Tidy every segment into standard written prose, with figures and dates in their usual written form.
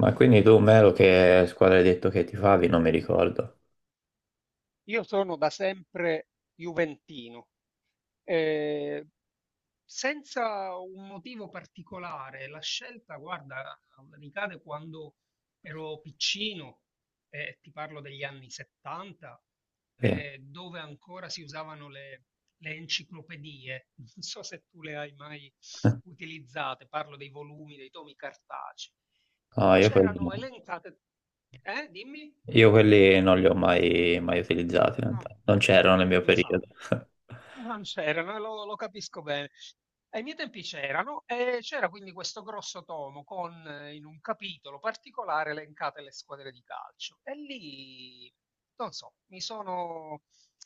Ma quindi tu, Melo, che squadra hai detto che tifavi? Non mi ricordo. Io sono da sempre juventino, eh, senza un motivo particolare. La scelta, guarda, ricade quando ero piccino, ti parlo degli anni 70, Sì. Dove ancora si usavano le enciclopedie. Non so se tu le hai mai utilizzate, parlo dei volumi, dei tomi cartacei. No, io quelli, C'erano no. elencate. Dimmi? Io quelli non li ho mai utilizzati, in No, realtà. Non c'erano nel mio periodo. infatti. No, non c'erano, lo capisco bene. Ai miei tempi c'erano e c'era quindi questo grosso tomo con in un capitolo particolare elencate le squadre di calcio e lì, non so, mi sono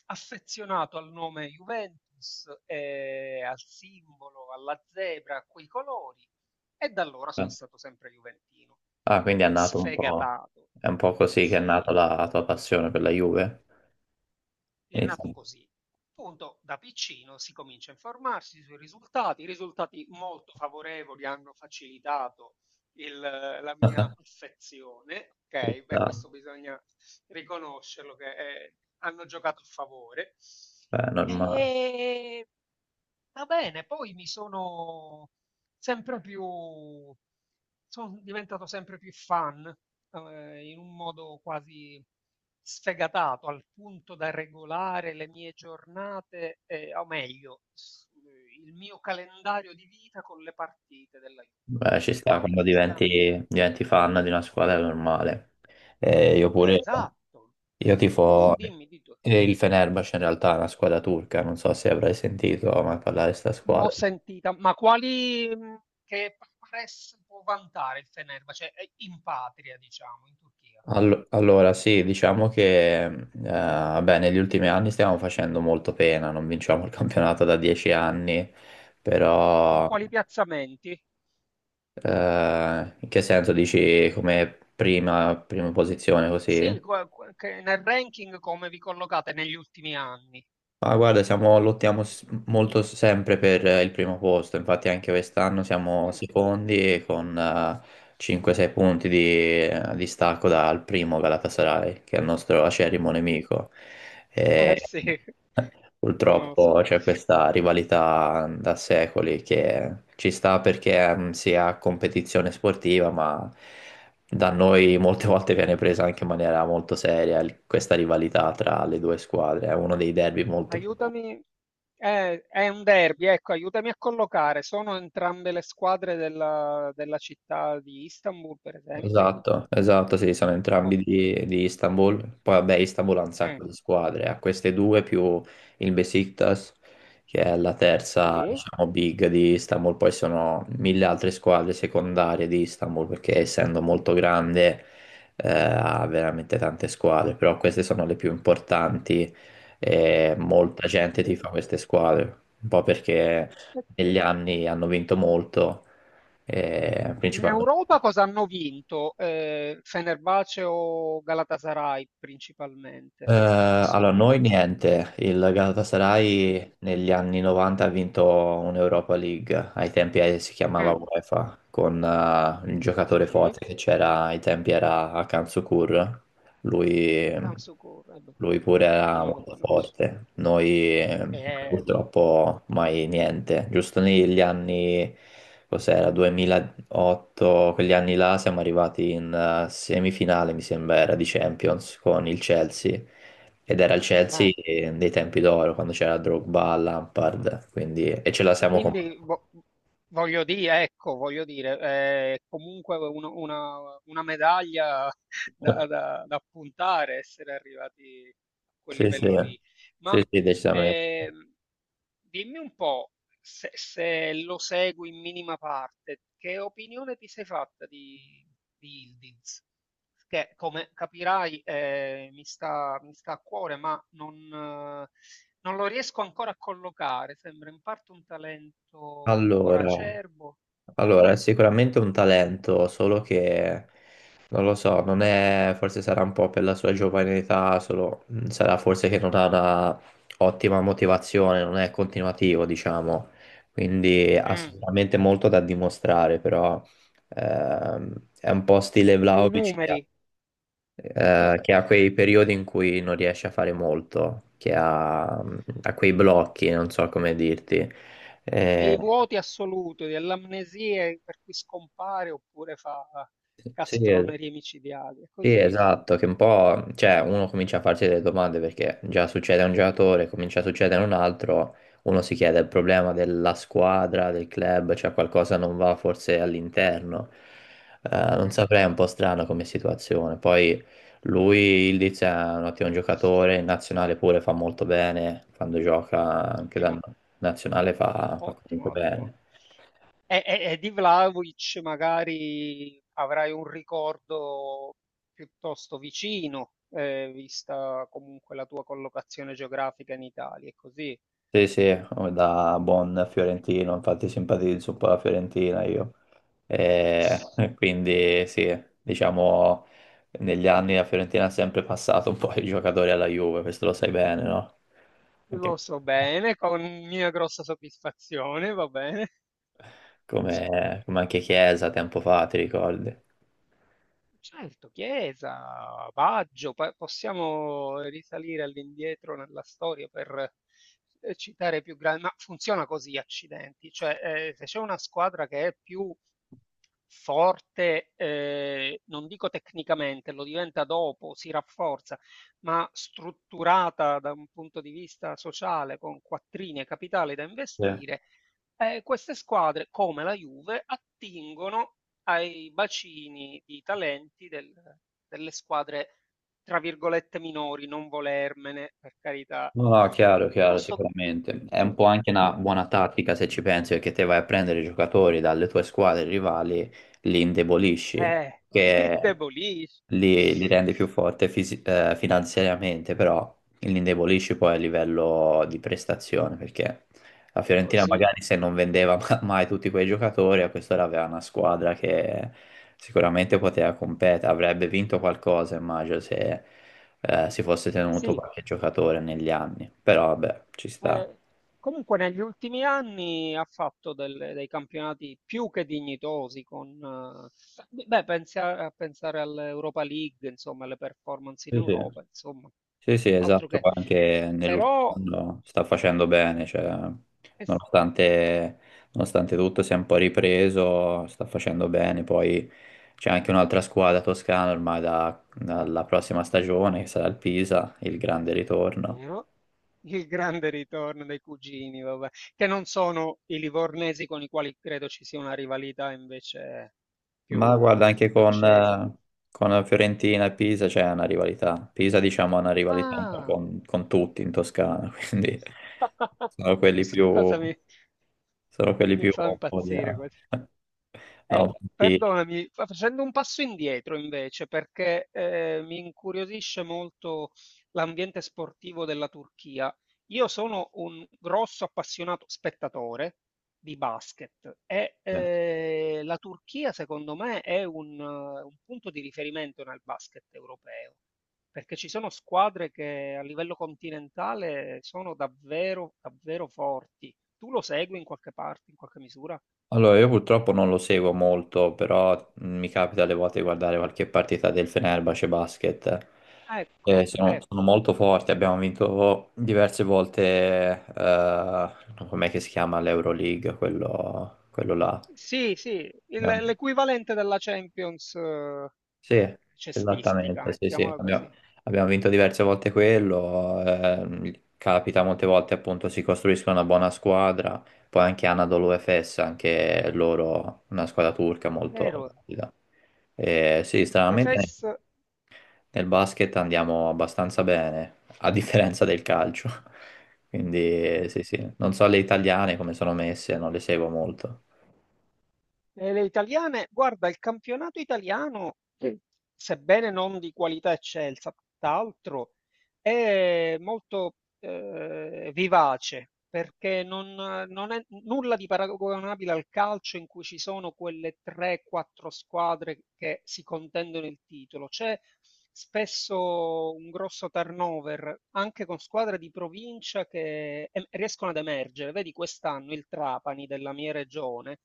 affezionato al nome Juventus, e al simbolo, alla zebra, a quei colori e da allora Eh. sono stato sempre juventino. Ah, quindi è nato un po', Sfegatato. è un po' così che è nata Sì, la tua passione per la Juve? è nato Inizia- così. Appunto da piccino si comincia a informarsi sui risultati, risultati molto favorevoli hanno facilitato il la mia affezione, Ci okay, beh sta. questo bisogna riconoscerlo che, hanno giocato a favore. Beh, è normale. Ehm Va bene, poi mi sono sempre più, sono diventato sempre più fan, in un modo quasi sfegatato, al punto da regolare le mie giornate, o meglio, il mio calendario di vita con le partite della Juve, Beh, ci cioè sta, quando quando ci stanno. diventi fan di una squadra è normale. Io pure. Esatto, Io tu tifo dimmi di tu. Il Fenerbahce, in realtà è una squadra turca, non so se avrai sentito mai parlare di questa L'ho squadra. sentita, ma quali che press può vantare il Fenerbahce in patria, diciamo, in Turchia? Allora, sì, diciamo che beh, negli ultimi anni stiamo facendo molto pena, non vinciamo il campionato da 10 anni, Con però quali piazzamenti? In che senso dici come prima posizione così? Sì, che nel ranking come vi collocate negli ultimi anni? Ah, guarda, lottiamo molto sempre per il primo posto, infatti anche quest'anno siamo Mm. secondi e con 5-6 punti di distacco dal primo Galatasaray, che è il nostro acerrimo nemico. Eh E, sì, purtroppo conosco. c'è questa rivalità da secoli che ci sta perché si ha competizione sportiva, ma da noi molte volte viene presa anche in maniera molto seria questa rivalità tra le due squadre, è uno dei derby molto, più. Aiutami, è un derby, ecco, aiutami a collocare. Sono entrambe le squadre della città di Istanbul, per esempio? Esatto, esatto, sì, sono entrambi Oh, di Istanbul. Poi vabbè, Istanbul ha un mm, sacco di squadre, ha queste due più il Besiktas, che è la terza, sì, diciamo, big di Istanbul. Poi sono mille altre squadre secondarie di Istanbul, perché essendo molto grande, ha veramente tante squadre, però queste sono le più importanti e molta gente ok. tifa queste squadre, un po' perché E poi- negli anni hanno vinto molto, In principalmente. Europa cosa hanno vinto? Fenerbahce o Galatasaray principalmente, che sono Allora, quelle noi più. niente, il Mm. Galatasaray negli anni 90 ha vinto un'Europa League, ai tempi si chiamava Mm. UEFA, con il giocatore Sì, forte che c'era ai tempi era Hakan Şükür, lui, un Camso Corre, lui pure chi era non lo molto conosce? forte, noi Eh, purtroppo mai niente, giusto negli anni, cos'era, 2008, quegli anni là siamo arrivati in semifinale mi sembra era di Champions con il Chelsea ed era il eh. Chelsea dei tempi d'oro, quando c'era Drogba, Lampard, quindi e ce la siamo combattuta. Quindi voglio dire, ecco, voglio dire, è comunque una medaglia da, da puntare, essere arrivati a quel Sì, sì, livello lì. Ma sì, sì, decisamente. ehm, dimmi un po', se lo segui in minima parte, che opinione ti sei fatta di Yildiz? Che, come capirai, mi sta a cuore, ma non. Non lo riesco ancora a collocare, sembra in parte un talento ancora Allora, acerbo. Mm, allora, è sicuramente un talento, solo che non lo so, non è, forse sarà un po' per la sua giovane età, solo sarà forse che non ha una ottima motivazione, non è continuativo, diciamo. Quindi ha mm. sicuramente molto da dimostrare, però è un po' stile Ai Vlahovic, numeri, che ha quei periodi in cui non riesce a fare molto, che ha quei blocchi, non so come dirti. Eh, ai vuoti assoluti, alle amnesie per cui scompare oppure fa sì, castronerie micidiali. È sì, così. esatto, che un po', cioè, uno comincia a farsi delle domande perché già succede a un giocatore, comincia a succedere a un altro, uno si chiede il problema della squadra, del club, cioè qualcosa non va forse all'interno. Non Mm, saprei, è un po' strano come situazione. Poi lui, Ildiz, è un ottimo giocatore, in nazionale pure fa molto bene, quando gioca anche da ottimo, nazionale fa comunque ottimo, bene. ottimo. E di Vlahovic magari avrai un ricordo piuttosto vicino, vista comunque la tua collocazione geografica in Italia, è così. Sì, sì, da buon fiorentino, infatti simpatizzo un po' la Fiorentina io. E quindi sì, diciamo, negli anni la Fiorentina ha sempre passato un po' i giocatori alla Juve, questo lo sai bene, no? Lo Anche- so bene, con mia grossa soddisfazione, va bene. come, come anche Chiesa tempo fa, ti ricordi? Certo, Chiesa, Baggio, possiamo risalire all'indietro nella storia per citare più grandi, ma funziona così, accidenti, cioè se c'è una squadra che è più forte, non dico tecnicamente, lo diventa dopo, si rafforza, ma strutturata da un punto di vista sociale con quattrini e capitale da Sì. investire, queste squadre, come la Juve, attingono ai bacini di talenti delle squadre, tra virgolette, "minori", non volermene, per carità. No, no, chiaro, chiaro, Posto sicuramente. È un po' eh, anche una buona tattica se ci pensi, perché te vai a prendere i giocatori dalle tue squadre rivali, li indebolisci. li Che indebolisce. Li rende più forte finanziariamente, però li indebolisci poi a livello di prestazione, perché la Fiorentina Così. magari se non vendeva mai tutti quei giocatori, a quest'ora aveva una squadra che sicuramente poteva competere, avrebbe vinto qualcosa, immagino, se si fosse tenuto Sì, qualche giocatore negli anni, però vabbè, ci sta. Eh, comunque negli ultimi anni ha fatto dei campionati più che dignitosi con, beh, pensi a, a pensare all'Europa League, insomma, alle performance in Sì, sì. Europa, insomma, Sì, sì, altro esatto, che. poi anche nell'ultimo Però anno sta facendo bene, cioè, è nonostante, nonostante tutto si è un po' ripreso, sta facendo bene, poi c'è anche un'altra squadra toscana ormai dalla prossima stagione, che sarà il Pisa, il grande ritorno. vero, il grande ritorno dei cugini, vabbè, che non sono i livornesi con i quali credo ci sia una rivalità invece Ma più guarda, anche accesa. Con Fiorentina e Pisa c'è una rivalità. Pisa, diciamo, ha una rivalità un po' Ah! Con tutti in Toscana, quindi sono quelli Questa più... cosa mi Sono quelli mi più fa un po' di- impazzire quasi. No, sì. Perdonami, facendo un passo indietro invece, perché mi incuriosisce molto l'ambiente sportivo della Turchia. Io sono un grosso appassionato spettatore di basket e la Turchia, secondo me, è un punto di riferimento nel basket europeo, perché ci sono squadre che a livello continentale sono davvero, davvero forti. Tu lo segui in qualche parte, in qualche misura? Allora, io purtroppo non lo seguo molto, però mi capita alle volte di guardare qualche partita del Fenerbahce Basket. Eh, Ecco, sono, ecco. sono molto forti, abbiamo vinto diverse volte, com'è che si chiama l'Euroleague, quello là. Sì, sì, l'equivalente della Champions Sì, cestistica, esattamente, sì, sì. mettiamola così. Abbiamo vinto diverse volte quello, capita molte volte appunto si costruiscono una buona squadra, poi anche Anadolu Efes, anche loro una squadra turca molto Vero, valida. E sì, stranamente l'Efes. nel basket andiamo abbastanza bene, a differenza del calcio. Quindi sì, sì, non so le italiane come sono messe, non le seguo molto. E le italiane, guarda, il campionato italiano, sì, sebbene non di qualità eccelsa, tutt'altro, è molto vivace perché non è nulla di paragonabile al calcio in cui ci sono quelle 3-4 squadre che si contendono il titolo. C'è spesso un grosso turnover anche con squadre di provincia che riescono ad emergere. Vedi quest'anno il Trapani della mia regione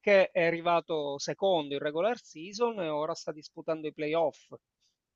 che è arrivato secondo in regular season e ora sta disputando i playoff.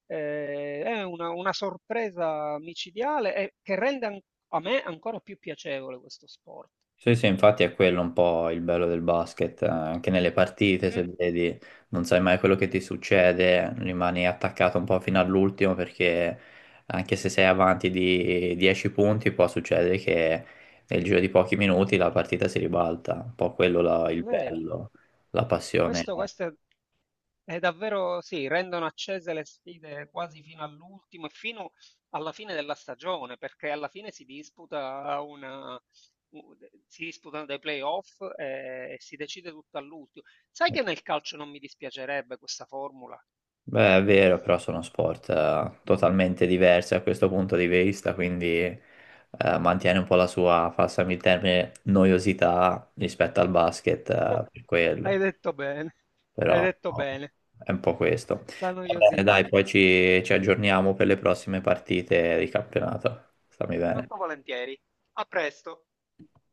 È una sorpresa micidiale e che rende a me ancora più piacevole questo sport. Sì, sì, infatti è quello un po' il bello del basket, anche nelle partite, se Mm, vedi, non sai mai quello che ti succede, rimani attaccato un po' fino all'ultimo perché anche se sei avanti di 10 punti può succedere che nel giro di pochi minuti la partita si ribalta, un po' quello è il vero, bello, la passione. questo è. È davvero sì, rendono accese le sfide quasi fino all'ultimo e fino alla fine della stagione, perché alla fine u- si disputano dei playoff e, si decide tutto all'ultimo. Sai che nel calcio non mi dispiacerebbe questa formula? Beh, è vero, però sono sport totalmente diversi a questo punto di vista, quindi mantiene un po' la sua, passami il termine, noiosità rispetto al basket, per Hai quello, detto bene, hai però detto oh, bene, è un po' questo. la Va bene, noiosità. dai, poi ci, ci aggiorniamo per le prossime partite di campionato. Stammi bene. Molto volentieri. A presto.